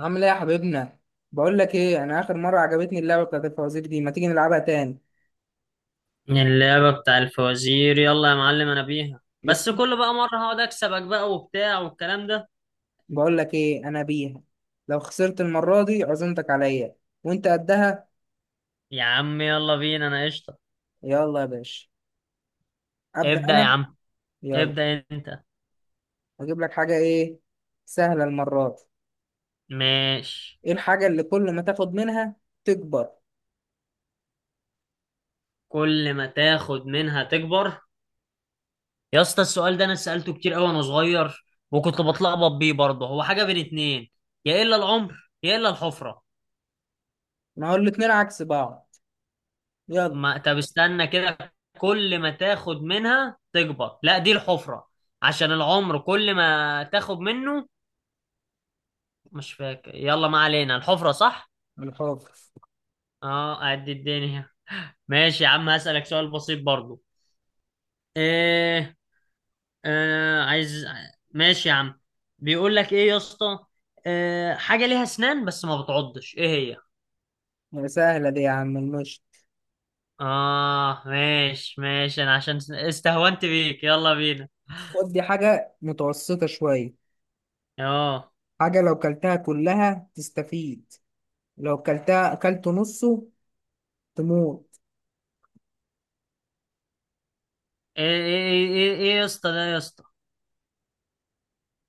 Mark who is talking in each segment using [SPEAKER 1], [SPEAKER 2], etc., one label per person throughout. [SPEAKER 1] عامل ايه يا حبيبنا؟ بقول لك ايه، انا اخر مره عجبتني اللعبه بتاعت الفوازير دي. ما تيجي نلعبها تاني؟
[SPEAKER 2] اللعبة بتاع الفوازير، يلا يا معلم انا بيها.
[SPEAKER 1] بس.
[SPEAKER 2] بس كل بقى مرة هقعد اكسبك بقى وبتاع والكلام ده.
[SPEAKER 1] بقول لك ايه، انا بيها. لو خسرت المره دي عزمتك عليا. وانت قدها.
[SPEAKER 2] يا عم يلا بينا انا قشطة.
[SPEAKER 1] يلا يا باشا. ابدا
[SPEAKER 2] ابدأ يا
[SPEAKER 1] انا.
[SPEAKER 2] عم،
[SPEAKER 1] يلا.
[SPEAKER 2] ابدأ انت.
[SPEAKER 1] اجيب لك حاجه ايه؟ سهله المره دي.
[SPEAKER 2] ماشي.
[SPEAKER 1] ايه الحاجه اللي كل ما تاخد منها تكبر؟
[SPEAKER 2] كل ما تاخد منها تكبر؟ يا اسطى السؤال ده انا سألته كتير قوي وانا صغير، وكنت بتلخبط بيه برضه. هو حاجة بين اتنين، يا الا العمر يا الا الحفرة.
[SPEAKER 1] ما هو الاتنين عكس بعض. يلا.
[SPEAKER 2] ما طب استنى كده، كل ما تاخد منها تكبر، لا دي الحفرة، عشان العمر كل ما تاخد منه. مش فاكر، يلا ما علينا، الحفرة صح؟
[SPEAKER 1] الحفر.
[SPEAKER 2] اه أعد الدنيا. ماشي يا عم، هسألك سؤال بسيط برضو. ايه؟ آه عايز. ماشي يا عم. بيقول لك ايه يا اسطى، آه حاجة ليها اسنان بس ما بتعضش، ايه هي؟
[SPEAKER 1] سهله دي يا عم، المشط.
[SPEAKER 2] اه ماشي ماشي، انا عشان استهونت بيك يلا بينا.
[SPEAKER 1] خد دي حاجه متوسطه شويه.
[SPEAKER 2] اه.
[SPEAKER 1] حاجه لو كلتها كلها تستفيد، لو كلتها اكلت نصه تموت.
[SPEAKER 2] ايه ايه ايه، ايه إيه يا اسطى، ده يا اسطى،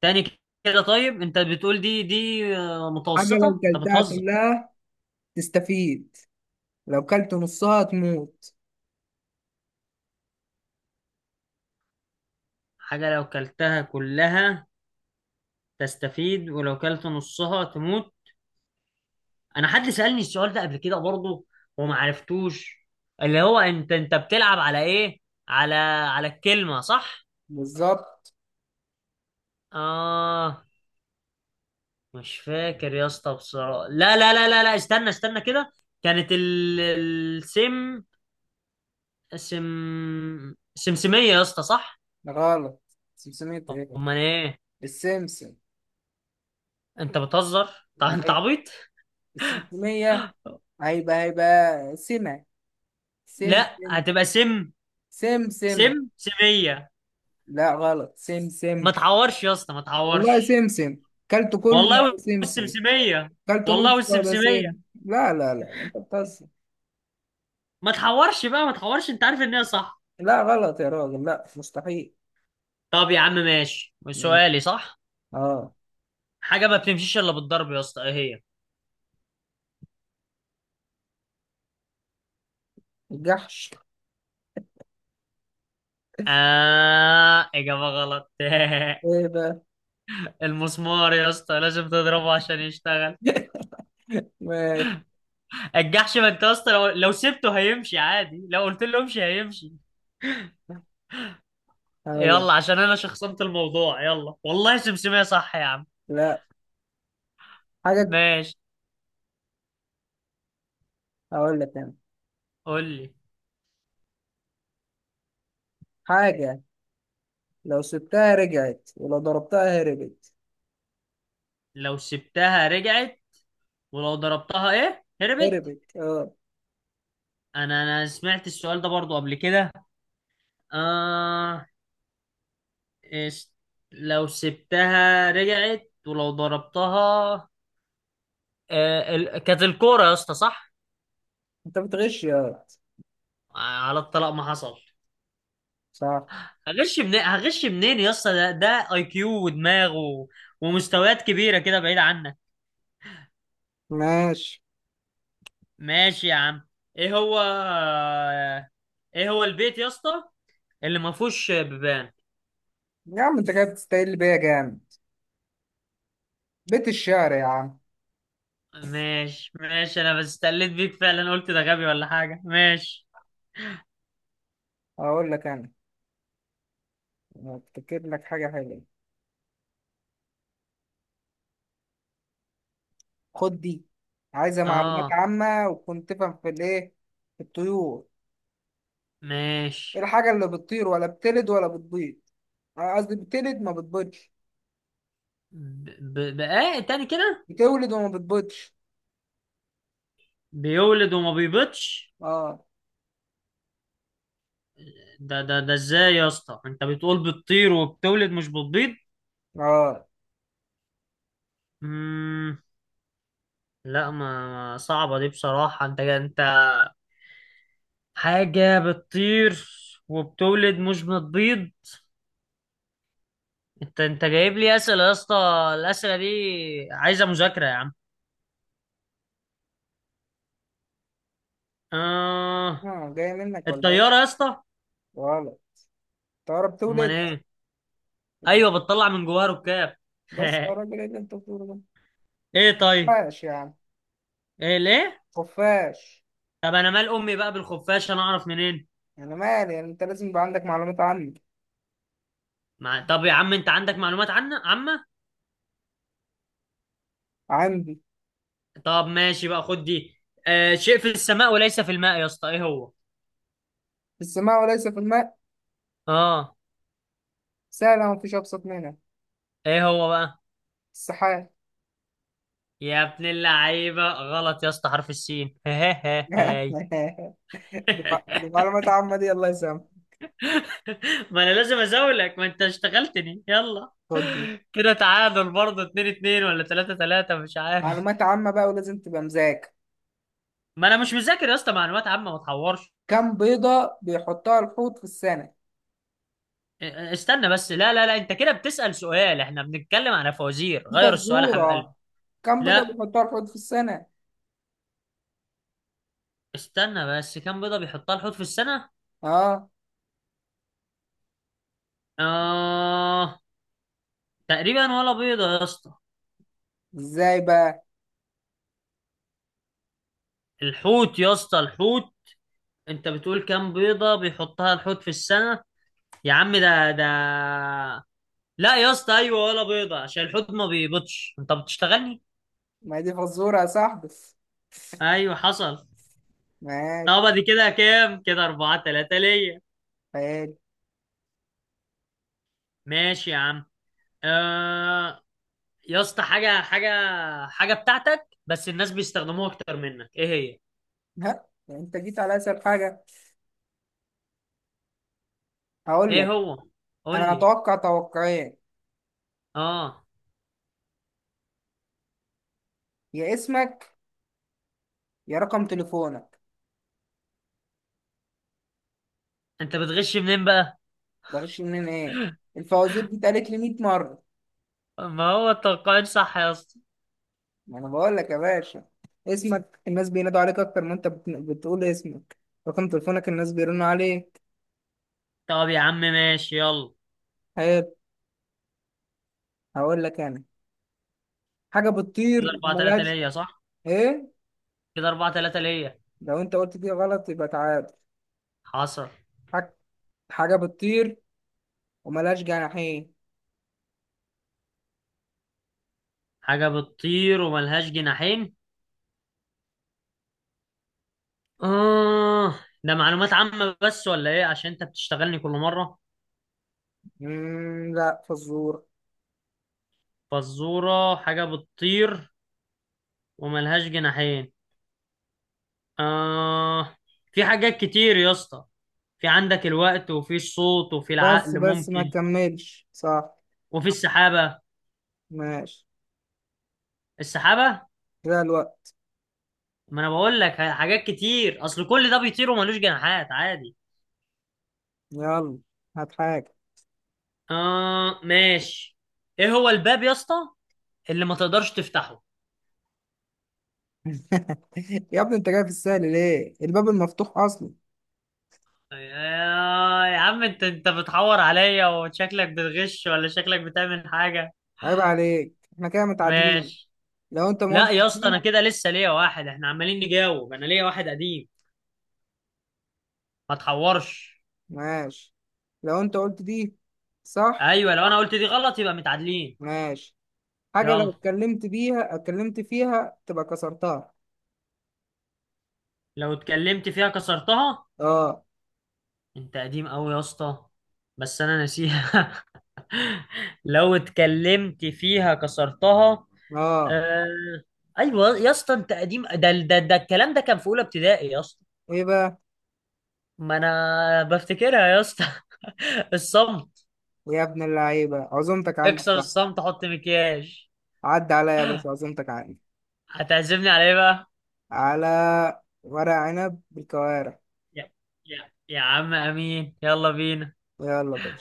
[SPEAKER 2] تاني كده؟ طيب انت بتقول دي آه،
[SPEAKER 1] حاجة لو
[SPEAKER 2] متوسطة؟ انت
[SPEAKER 1] كلتها
[SPEAKER 2] بتهزر.
[SPEAKER 1] كلها تستفيد، لو كلت نصها تموت.
[SPEAKER 2] حاجة لو كلتها كلها تستفيد، ولو كلت نصها تموت. انا حد سألني السؤال ده قبل كده برضه وما عرفتوش، اللي هو انت بتلعب على ايه، على الكلمة صح.
[SPEAKER 1] بالظبط.
[SPEAKER 2] اه. مش فاكر يا اسطى بصراحة، لا، استنى كده. كانت ال... السم، سم سمسمية يا اسطى صح.
[SPEAKER 1] غلط. 500. ايه؟
[SPEAKER 2] امال ايه؟
[SPEAKER 1] السمسم.
[SPEAKER 2] انت بتهزر. طب انت
[SPEAKER 1] اهي،
[SPEAKER 2] عبيط.
[SPEAKER 1] السمسمية هيبقى سمة
[SPEAKER 2] لا
[SPEAKER 1] سمسم.
[SPEAKER 2] هتبقى سم،
[SPEAKER 1] سمسم.
[SPEAKER 2] سم سمية.
[SPEAKER 1] لا غلط،
[SPEAKER 2] ما
[SPEAKER 1] سمسم.
[SPEAKER 2] تعورش يا اسطى، ما
[SPEAKER 1] والله
[SPEAKER 2] تعورش.
[SPEAKER 1] سمسم. كلته كله
[SPEAKER 2] والله
[SPEAKER 1] يبقى سمسم،
[SPEAKER 2] والسمسمية،
[SPEAKER 1] كلته
[SPEAKER 2] والله
[SPEAKER 1] نصه يبقى
[SPEAKER 2] والسمسمية.
[SPEAKER 1] سم. لا لا لا، انت بتهزر.
[SPEAKER 2] ما تحورش بقى، ما تحورش، انت عارف ان هي صح.
[SPEAKER 1] لا غلط يا راجل، لا مستحيل.
[SPEAKER 2] طب يا عم ماشي، سؤالي صح.
[SPEAKER 1] اه.
[SPEAKER 2] حاجة ما بتمشيش الا بالضرب يا اسطى، ايه هي؟
[SPEAKER 1] الجحش.
[SPEAKER 2] آه إجابة غلط
[SPEAKER 1] ايه بقى؟
[SPEAKER 2] المسمار يا اسطى، لازم تضربه عشان يشتغل.
[SPEAKER 1] ماشي.
[SPEAKER 2] الجحش ما انت يا اسطى لو سبته هيمشي عادي، لو قلت له امشي هيمشي.
[SPEAKER 1] هقول لك.
[SPEAKER 2] يلا عشان انا شخصنت الموضوع، يلا والله سمسمية صح يا عم؟
[SPEAKER 1] لا، حاجة.
[SPEAKER 2] ماشي،
[SPEAKER 1] هقول لك انا.
[SPEAKER 2] قول لي.
[SPEAKER 1] حاجة لو سبتها رجعت ولو ضربتها هربت.
[SPEAKER 2] لو سبتها رجعت، ولو ضربتها ايه؟ هربت.
[SPEAKER 1] هربت، اه.
[SPEAKER 2] انا سمعت السؤال ده برضو قبل كده. آه إس، لو سبتها رجعت ولو ضربتها، آه ال... كانت الكوره يا اسطى صح.
[SPEAKER 1] انت بتغش يا واد.
[SPEAKER 2] آه على الطلاق ما حصل.
[SPEAKER 1] صح.
[SPEAKER 2] هغش منين، هغش منين يا اسطى، ده اي كيو ودماغ و... ومستويات كبيره كده، بعيد عنك.
[SPEAKER 1] ماشي
[SPEAKER 2] ماشي يا عم. ايه هو، ايه هو البيت يا اسطى اللي ما فيهوش بيبان؟
[SPEAKER 1] يا عم. انت كده بتستقل بيا جامد. بيت الشعر يا عم.
[SPEAKER 2] ماشي ماشي، انا بس استقلت بيك فعلا، قلت ده غبي ولا حاجه، ماشي.
[SPEAKER 1] هقول لك انا، افتكر لك حاجة حلوة. خد دي. عايزة معلومات
[SPEAKER 2] اه
[SPEAKER 1] عامة، وتكون تفهم في الايه، في الطيور.
[SPEAKER 2] ماشي.
[SPEAKER 1] ايه الحاجة اللي بتطير ولا بتلد ولا بتبيض؟ آه، قصدي بتلد ما بتبيضش.
[SPEAKER 2] بقى تاني كده؟
[SPEAKER 1] بتولد وما بتبيضش.
[SPEAKER 2] بيولد وما بيبيضش؟
[SPEAKER 1] اه.
[SPEAKER 2] ده ازاي يا اسطى؟ انت بتقول بتطير وبتولد مش بتبيض؟
[SPEAKER 1] اه.
[SPEAKER 2] مم... لا صعبة دي بصراحة، انت حاجة بتطير وبتولد مش بتبيض؟ انت جايب لي اسئلة يا اسطى، الاسئلة دي عايزة مذاكرة يا عم. آه...
[SPEAKER 1] اه جاية منك ولا
[SPEAKER 2] الطيارة
[SPEAKER 1] ايه؟
[SPEAKER 2] يا اسطى.
[SPEAKER 1] غلط. طيارة
[SPEAKER 2] امال
[SPEAKER 1] بتولد؟
[SPEAKER 2] ايه؟ ايوه بتطلع من جواها ركاب.
[SPEAKER 1] بس يا راجل، ايه اللي انت بتقوله ده؟
[SPEAKER 2] ايه طيب،
[SPEAKER 1] خفاش يا عم.
[SPEAKER 2] ايه ليه؟
[SPEAKER 1] خفاش.
[SPEAKER 2] طب انا مال امي بقى بالخفاش، انا اعرف منين؟
[SPEAKER 1] انا مالي؟ يعني انت لازم يبقى عندك معلومات عني.
[SPEAKER 2] مع... طب يا عم انت عندك معلومات عنه عامه.
[SPEAKER 1] عندي.
[SPEAKER 2] طب ماشي بقى، خد دي. آه شيء في السماء وليس في الماء يا اسطى، ايه هو؟
[SPEAKER 1] في السماء وليس في الماء.
[SPEAKER 2] اه.
[SPEAKER 1] سهلة ومفيش أبسط منها.
[SPEAKER 2] ايه هو بقى؟
[SPEAKER 1] السحاب.
[SPEAKER 2] يا ابن اللعيبه غلط يا اسطى، حرف السين هاي.
[SPEAKER 1] دي معلومات عامة، دي الله يسامحك.
[SPEAKER 2] ما انا لازم ازولك، ما انت اشتغلتني، يلا.
[SPEAKER 1] خد دي.
[SPEAKER 2] كده تعادل برضه، 2-2 ولا 3-3 مش عارف.
[SPEAKER 1] معلومات عامة بقى، ولازم تبقى مذاكر.
[SPEAKER 2] ما انا مش مذاكر يا اسطى، معلومات عامه، ما تحورش.
[SPEAKER 1] كم بيضة بيحطها الحوت في السنة؟
[SPEAKER 2] استنى بس، لا، انت كده بتسأل سؤال، احنا بنتكلم على فوازير
[SPEAKER 1] دي
[SPEAKER 2] غير السؤال يا حبيب قلبي.
[SPEAKER 1] فزورة. كم بيضة
[SPEAKER 2] لا،
[SPEAKER 1] بيحطها الحوت في السنة؟
[SPEAKER 2] استنى بس، كام بيضة بيحطها الحوت في السنة؟
[SPEAKER 1] اه.
[SPEAKER 2] آه، تقريبا ولا بيضة يا اسطى.
[SPEAKER 1] ازاي بقى؟
[SPEAKER 2] الحوت يا اسطى، الحوت. انت بتقول كام بيضة بيحطها الحوت في السنة، يا عم ده، لا يا اسطى ايوه ولا بيضة، عشان الحوت ما بيبيضش، انت بتشتغلني.
[SPEAKER 1] ما هي دي فزورة يا صاحبي.
[SPEAKER 2] ايوه حصل.
[SPEAKER 1] ماشي.
[SPEAKER 2] طب دي كده كام؟ كده اربعة تلاتة ليا.
[SPEAKER 1] خيال.
[SPEAKER 2] ماشي يا عم. آه يا اسطى، حاجه حاجه بتاعتك بس الناس بيستخدموها اكتر منك، ايه هي؟
[SPEAKER 1] ها، يعني انت جيت على اسهل حاجة. هقول
[SPEAKER 2] ايه
[SPEAKER 1] لك
[SPEAKER 2] هو؟ قول
[SPEAKER 1] انا،
[SPEAKER 2] لي.
[SPEAKER 1] اتوقع توقعين:
[SPEAKER 2] اه.
[SPEAKER 1] يا اسمك، يا رقم تليفونك.
[SPEAKER 2] انت بتغش منين بقى؟
[SPEAKER 1] بغش منين ايه؟ الفوازير دي اتقالت لي 100 مرة.
[SPEAKER 2] ما هو التلقائي صح يا اسطى.
[SPEAKER 1] ما انا بقول لك يا باشا، اسمك الناس بينادوا عليك اكتر ما انت بتقول اسمك، رقم تليفونك الناس بيرنوا عليك.
[SPEAKER 2] طب يا عم ماشي، يلا.
[SPEAKER 1] حلو. هقول لك انا، حاجة
[SPEAKER 2] كده
[SPEAKER 1] بتطير
[SPEAKER 2] 4-3
[SPEAKER 1] وملهاش.
[SPEAKER 2] ليا صح.
[SPEAKER 1] ايه؟
[SPEAKER 2] كده 4-3 ليا.
[SPEAKER 1] لو انت قلت دي غلط يبقى تعادل.
[SPEAKER 2] حصل.
[SPEAKER 1] حاج- حاجة بتطير وملهاش جناحين.
[SPEAKER 2] حاجه بتطير وملهاش جناحين. اه ده معلومات عامه بس ولا ايه؟ عشان انت بتشتغلني كل مره.
[SPEAKER 1] لا فزور.
[SPEAKER 2] فزوره حاجه بتطير وملهاش جناحين؟ اه. في حاجات كتير يا اسطى، في عندك الوقت، وفي الصوت، وفي
[SPEAKER 1] بس
[SPEAKER 2] العقل
[SPEAKER 1] بس ما
[SPEAKER 2] ممكن،
[SPEAKER 1] كملش صح.
[SPEAKER 2] وفي السحابة.
[SPEAKER 1] ماشي.
[SPEAKER 2] السحابة.
[SPEAKER 1] كده الوقت.
[SPEAKER 2] ما انا بقول لك حاجات كتير، اصل كل ده بيطير وملوش جناحات عادي.
[SPEAKER 1] يلا، هات حاجة.
[SPEAKER 2] اه ماشي. ايه هو الباب يا اسطى اللي ما تقدرش تفتحه؟
[SPEAKER 1] يا ابني انت جاي في السهل ليه؟ الباب المفتوح اصلا.
[SPEAKER 2] يا عم انت بتحور عليا، وشكلك بتغش ولا شكلك بتعمل حاجة؟
[SPEAKER 1] عيب عليك، احنا كده متعادلين.
[SPEAKER 2] ماشي.
[SPEAKER 1] لو انت ما
[SPEAKER 2] لا
[SPEAKER 1] قلت
[SPEAKER 2] يا اسطى، انا
[SPEAKER 1] دي.
[SPEAKER 2] كده لسه ليا واحد، احنا عمالين نجاوب، انا ليا واحد قديم، ما تحورش.
[SPEAKER 1] ماشي. لو انت قلت دي صح.
[SPEAKER 2] ايوه لو انا قلت دي غلط يبقى متعادلين.
[SPEAKER 1] ماشي. حاجة لو
[SPEAKER 2] يلا.
[SPEAKER 1] اتكلمت بيها، اتكلمت فيها تبقى كسرتها.
[SPEAKER 2] لو اتكلمت فيها كسرتها.
[SPEAKER 1] اه.
[SPEAKER 2] انت قديم قوي يا اسطى، بس انا ناسيها. لو اتكلمت فيها كسرتها.
[SPEAKER 1] اه.
[SPEAKER 2] آه... ايوه يا اسطى انت قديم، ده الكلام ده كان في اولى ابتدائي يا اسطى.
[SPEAKER 1] ايه بقى؟
[SPEAKER 2] ما انا بفتكرها يا اسطى الصمت.
[SPEAKER 1] يا ابن اللعيبة، عزومتك عندي
[SPEAKER 2] اكسر
[SPEAKER 1] صح.
[SPEAKER 2] الصمت حط مكياج.
[SPEAKER 1] عدى عليا بس، عزومتك عندي.
[SPEAKER 2] هتعزمني على ايه بقى؟
[SPEAKER 1] على ورق عنب بالكوارع.
[SPEAKER 2] يا عم امين، يلا بينا.
[SPEAKER 1] يلا بقى.